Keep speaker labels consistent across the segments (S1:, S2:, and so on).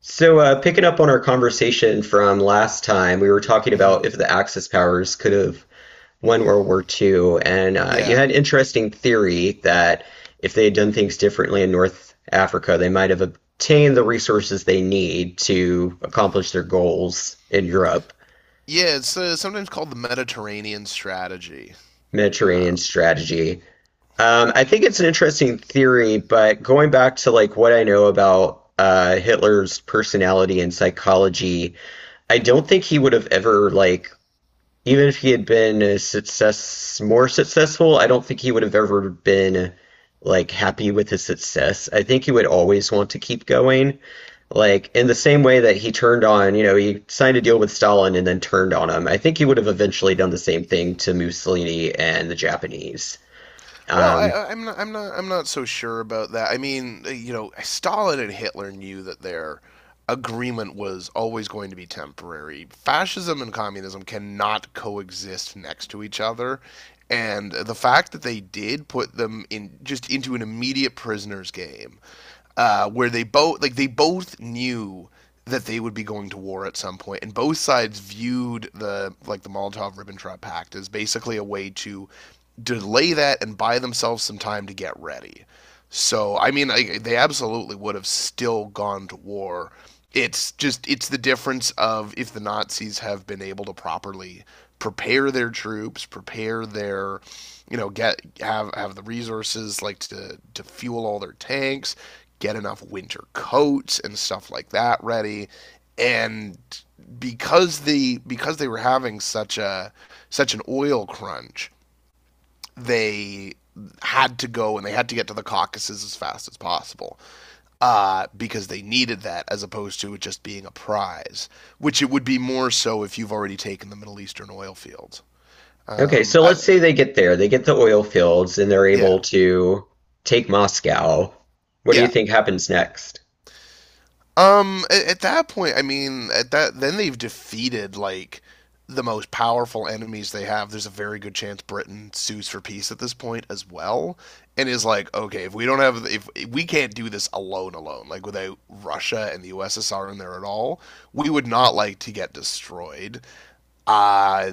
S1: So, picking up on our conversation from last time, we were talking about
S2: hmm
S1: if the Axis powers could have won World War II, and you
S2: Yeah.
S1: had an interesting theory that if they had done things differently in North Africa, they might have obtained the resources they need to accomplish their goals in Europe.
S2: Yeah, it's sometimes called the Mediterranean strategy.
S1: Mediterranean
S2: Um,
S1: strategy. I think it's an interesting theory, but going back to like what I know about Hitler's personality and psychology, I don't think he would have ever like. Even if he had been a success, more successful, I don't think he would have ever been like happy with his success. I think he would always want to keep going. Like in the same way that he turned on, you know, he signed a deal with Stalin and then turned on him. I think he would have eventually done the
S2: hmm.
S1: same thing to Mussolini and the Japanese.
S2: Well, I,
S1: Um,
S2: I- I'm not, I'm not, I'm not so sure about that. I mean, you know, Stalin and Hitler knew that their agreement was always going to be temporary. Fascism and communism cannot coexist next to each other, and the fact that they did put them in just into an immediate prisoner's game where they both knew that they would be going to war at some point, and both sides viewed the Molotov-Ribbentrop Pact as basically a way to delay that and buy themselves some time to get ready. So I mean, they absolutely would have still gone to war. It's the difference of if the Nazis have been able to properly prepare their troops, prepare their, you know, get have the resources like to fuel all their tanks, get enough winter coats and stuff like that ready. And because they were having such an oil crunch, they had to go and they had to get to the Caucasus as fast as possible because they needed that as opposed to it just being a prize, which it would be more so if you've already taken the Middle Eastern oil fields.
S1: okay,
S2: Um,
S1: so
S2: I,
S1: let's say they get there, they get the oil fields, and they're
S2: yeah,
S1: able to take Moscow. What do you
S2: yeah.
S1: think happens next?
S2: At that point, I mean, at that then they've defeated like the most powerful enemies they have. There's a very good chance Britain sues for peace at this point as well, and is like, okay, if we don't have, if we can't do this alone, like without Russia and the USSR in there at all, we would not like to get destroyed. Uh,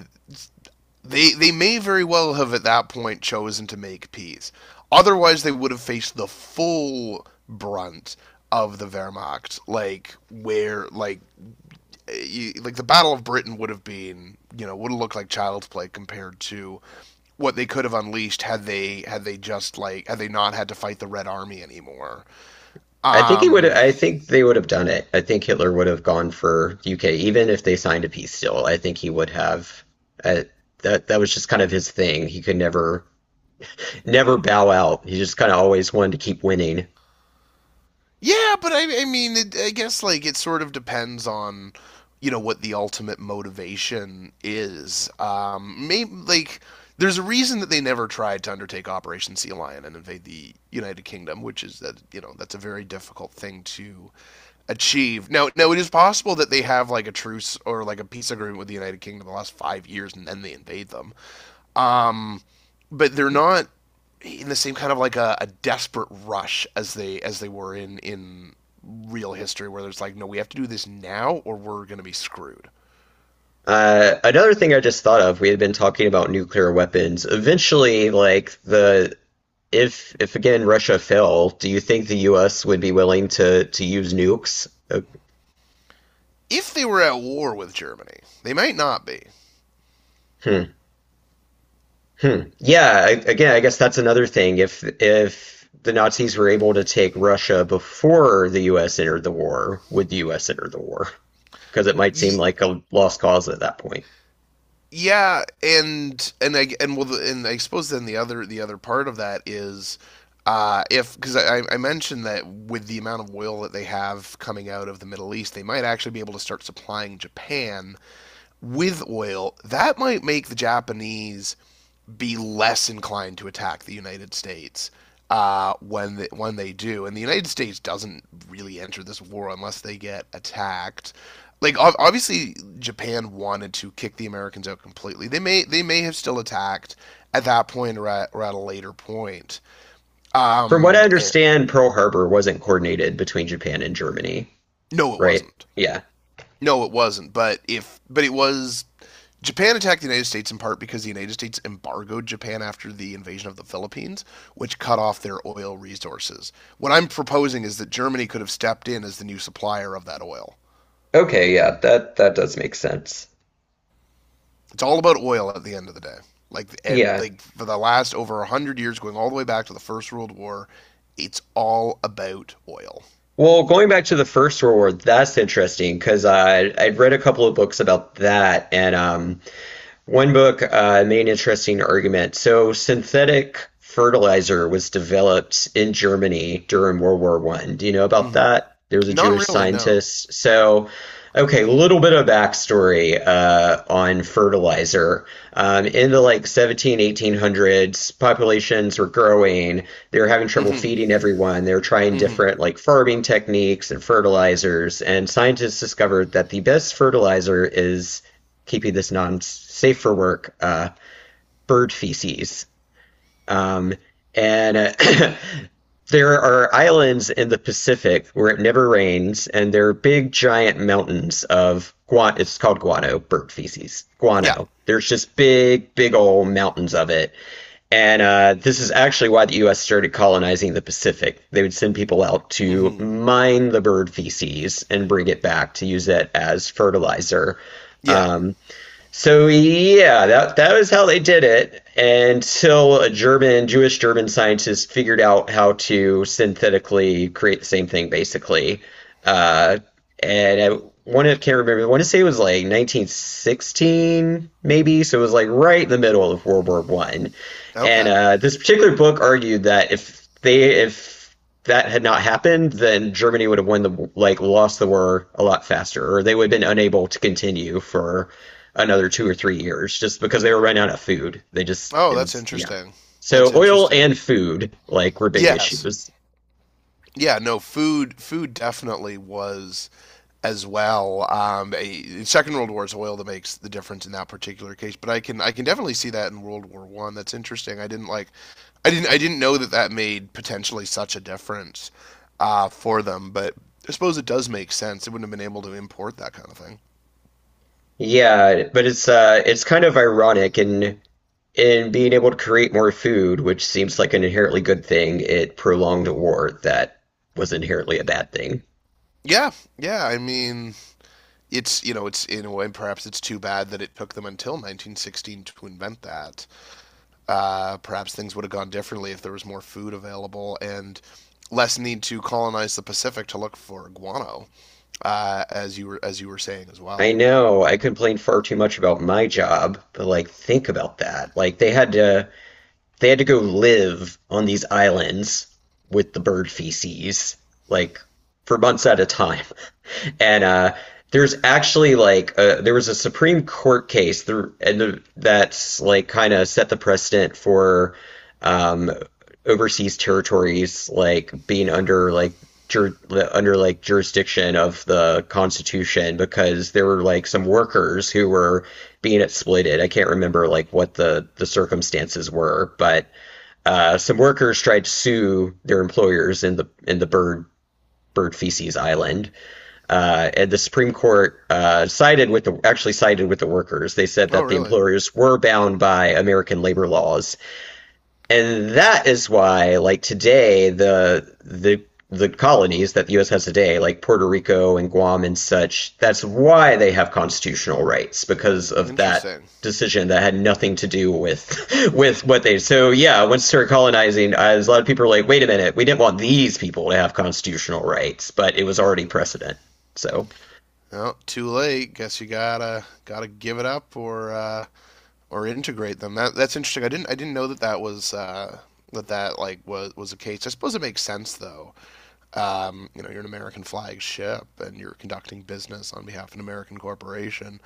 S2: they may very well have at that point chosen to make peace. Otherwise, they would have faced the full brunt of the Wehrmacht, like where like eh, you, like the Battle of Britain would have been, you know, would have looked like child's play compared to what they could have unleashed had they not had to fight the Red Army anymore.
S1: I think he would.
S2: Um
S1: I think they would have done it. I think Hitler would have gone for UK, even if they signed a peace deal. I think he would have. Uh, that was just kind of his thing. He could never never bow out. He just kind of always wanted to keep winning.
S2: Yeah, but I mean, I guess like it sort of depends on, you know, what the ultimate motivation is. Maybe like there's a reason that they never tried to undertake Operation Sea Lion and invade the United Kingdom, which is that you know that's a very difficult thing to achieve. Now it is possible that they have like a truce or like a peace agreement with the United Kingdom the last 5 years, and then they invade them. Um, but they're not in the same kind of like a desperate rush as they were in real history, where there's like, no, we have to do this now or we're gonna be screwed.
S1: Another thing I just thought of. We had been talking about nuclear weapons. Eventually, like the if again Russia fell, do you think the U.S. would be willing to use nukes?
S2: If they were at war with Germany, they might not be.
S1: Hmm. Hmm. Yeah, I, again, I guess that's another thing. If the Nazis were able to take Russia before the U.S. entered the war, would the U.S. enter the war? Because it might seem
S2: Ye-
S1: like a lost cause at that point.
S2: yeah, and I suppose then the other part of that is if I mentioned that with the amount of oil that they have coming out of the Middle East, they might actually be able to start supplying Japan with oil, that might make the Japanese be less inclined to attack the United States when they do. And the United States doesn't really enter this war unless they get attacked. Like obviously, Japan wanted to kick the Americans out completely. They may have still attacked at that point or at a later point.
S1: From what I
S2: Um, and,
S1: understand, Pearl Harbor wasn't coordinated between Japan and Germany,
S2: no, it
S1: right?
S2: wasn't.
S1: Yeah.
S2: No, it wasn't. But if but it was Japan attacked the United States in part because the United States embargoed Japan after the invasion of the Philippines, which cut off their oil resources. What I'm proposing is that Germany could have stepped in as the new supplier of that oil.
S1: Okay, yeah, that that does make sense.
S2: It's all about oil at the end of the day. Like, eh,
S1: Yeah.
S2: like for the last over 100 years, going all the way back to the First World War, it's all about oil.
S1: Well, going back to the First World War, that's interesting because I I'd read a couple of books about that, and one book made an interesting argument. So synthetic fertilizer was developed in Germany during World War One. Do you know about
S2: hmm
S1: that? There was a
S2: Not
S1: Jewish
S2: really, no.
S1: scientist. So, okay, a little bit of backstory on fertilizer. In the like 17, 18 hundreds, populations were growing. They were having trouble
S2: hmm
S1: feeding everyone. They were trying
S2: hmm
S1: different like farming techniques and fertilizers. And scientists discovered that the best fertilizer is keeping this non safe for work bird feces. Um, and there are islands in the Pacific where it never rains, and there are big, giant mountains of guano. It's called guano, bird feces.
S2: Yeah.
S1: Guano. There's just big, big old mountains of it. And this is actually why the U.S. started colonizing the Pacific. They would send people out to
S2: hmm
S1: mine the bird feces and bring it back to use it as fertilizer.
S2: Yeah.
S1: Um, so yeah, that that was how they did it until a German Jewish German scientist figured out how to synthetically create the same thing basically. Uh, and I want to can't remember. I want to say it was like 1916 maybe. So it was like right in the middle of World War One. And
S2: Okay.
S1: this particular book argued that if that had not happened, then Germany would have won the like lost the war a lot faster, or they would have been unable to continue for another 2 or 3 years just because they were running out of food. They just
S2: Oh,
S1: it
S2: that's
S1: was yeah.
S2: interesting. That's
S1: So oil
S2: interesting.
S1: and food like were big
S2: Yes.
S1: issues.
S2: Yeah, no, food definitely was as well. Second World War is oil that makes the difference in that particular case, but I can definitely see that in World War One. That's interesting. I didn't like, I didn't know that that made potentially such a difference for them, but I suppose it does make sense. They wouldn't have been able to import that kind of thing.
S1: Yeah, but it's uh, it's kind of ironic in being able to create more food, which seems like an inherently good thing, it prolonged a war that was inherently a bad thing.
S2: Yeah, yeah. I mean, it's you know, it's in a way perhaps it's too bad that it took them until 1916 to invent that. Uh, perhaps things would have gone differently if there was more food available and less need to colonize the Pacific to look for guano, as you were saying as
S1: I
S2: well.
S1: know I complain far too much about my job, but like think about that. Like they had to go live on these islands with the bird feces, like for months at a time. And there's actually like a, there was a Supreme Court case there, and that's like kind of set the precedent for um, overseas territories like being under like jur- under like jurisdiction of the Constitution because there were like some workers who were being exploited. I can't remember like what the circumstances were, but some workers tried to sue their employers in the bird feces island. And the Supreme Court sided with the actually sided with the workers. They said
S2: Oh,
S1: that the
S2: really?
S1: employers were bound by American labor laws and that is why, like today, the colonies that the U.S. has today, like Puerto Rico and Guam and such, that's why they have constitutional rights because of that
S2: Interesting.
S1: decision that had nothing to do with with what they. So yeah, once started colonizing, I, a lot of people are like, wait a minute, we didn't want these people to have constitutional rights, but it was already precedent. So
S2: Well, too late. Guess you gotta give it up or integrate them. That that's interesting. I didn't know that that was that like was the case. I suppose it makes sense though. You know, you're an American flag ship and you're conducting business on behalf of an American corporation.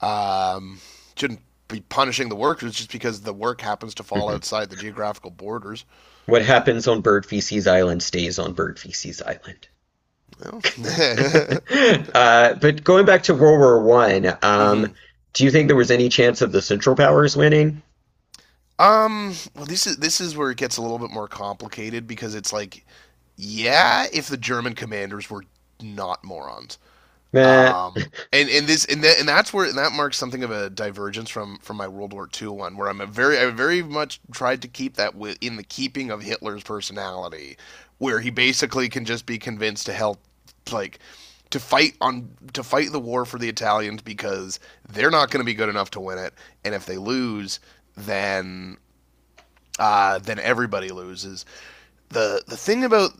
S2: Um, shouldn't be punishing the workers just because the work happens to fall
S1: mhm.
S2: outside the geographical borders.
S1: What happens on Bird Feces Island stays on Bird Feces Island.
S2: Well,
S1: But going back to World War One,
S2: hmm
S1: do you think there was any chance of the Central Powers winning?
S2: this is where it gets a little bit more complicated because it's like, yeah, if the German commanders were not morons.
S1: Uh,
S2: And this and that and that's where and that marks something of a divergence from my World War Two one, where I'm a very I very much tried to keep that within the keeping of Hitler's personality, where he basically can just be convinced to help, like to fight the war for the Italians because they're not going to be good enough to win it, and if they lose, then then everybody loses. The thing about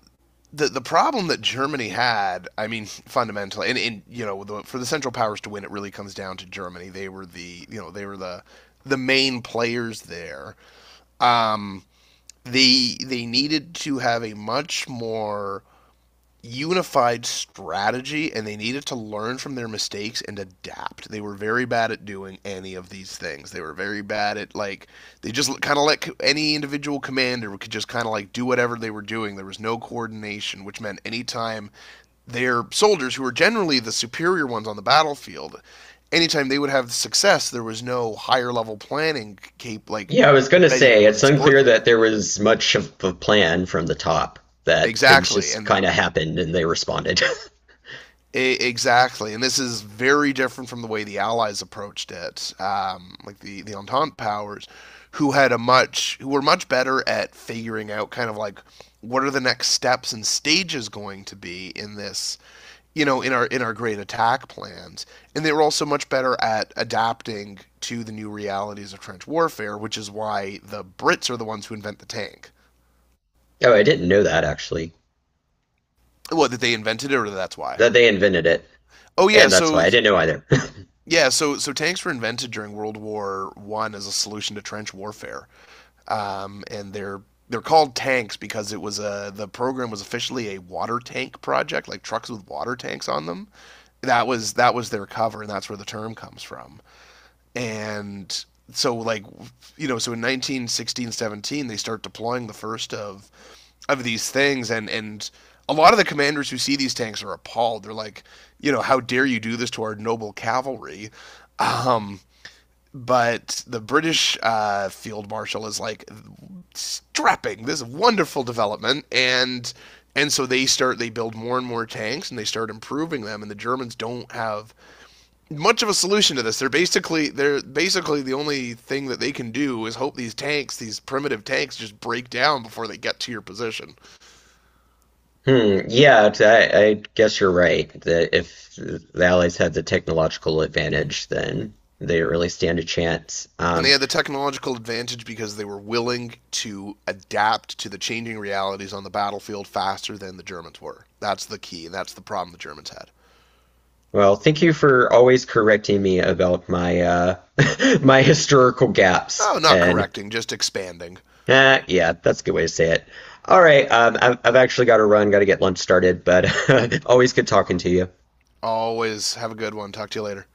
S2: the problem that Germany had, I mean, fundamentally, and you know, for the Central Powers to win, it really comes down to Germany. They were the you know they were the main players there. Um, they needed to have a much more unified strategy and they needed to learn from their mistakes and adapt. They were very bad at doing any of these things. They were very bad at like they just kind of let any individual commander could just kind of like do whatever they were doing. There was no coordination, which meant anytime their soldiers who were generally the superior ones on the battlefield, anytime they would have success, there was no higher level planning like
S1: yeah, I was gonna
S2: ready to
S1: say
S2: go in
S1: it's
S2: and support
S1: unclear
S2: them.
S1: that there was much of a plan from the top. That things
S2: Exactly.
S1: just
S2: And
S1: kind of happened and they responded.
S2: E- exactly, and this is very different from the way the Allies approached it, like the Entente powers, who were much better at figuring out kind of like what are the next steps and stages going to be in this you know in our great attack plans, and they were also much better at adapting to the new realities of trench warfare, which is why the brits are the ones who invent the tank.
S1: Oh, I didn't know that actually.
S2: What, that they invented it or that's why?
S1: That they invented it,
S2: Oh yeah,
S1: and that's
S2: so
S1: why I didn't know either.
S2: yeah, so so tanks were invented during World War One as a solution to trench warfare, and they're called tanks because it was a the program was officially a water tank project, like trucks with water tanks on them. That was their cover, and that's where the term comes from. And so like you know, so in 1916, 17, they start deploying the first of these things, and a lot of the commanders who see these tanks are appalled. They're like, you know, how dare you do this to our noble cavalry? But the British field marshal is like strapping, this is a wonderful development, and so they build more and more tanks and they start improving them, and the Germans don't have much of a solution to this. They're basically the only thing that they can do is hope these tanks, these primitive tanks, just break down before they get to your position.
S1: Hmm, yeah, I. I guess you're right. That if the Allies had the technological advantage, then they didn't really stand a chance.
S2: And they had the technological advantage because they were willing to adapt to the changing realities on the battlefield faster than the Germans were. That's the key, and that's the problem the Germans had.
S1: Well, thank you for always correcting me about my uh, my historical gaps.
S2: Oh, not
S1: And
S2: correcting, just expanding.
S1: eh, yeah, that's a good way to say it. All right, I've actually got to run, got to get lunch started, but always good talking to you.
S2: Always have a good one. Talk to you later.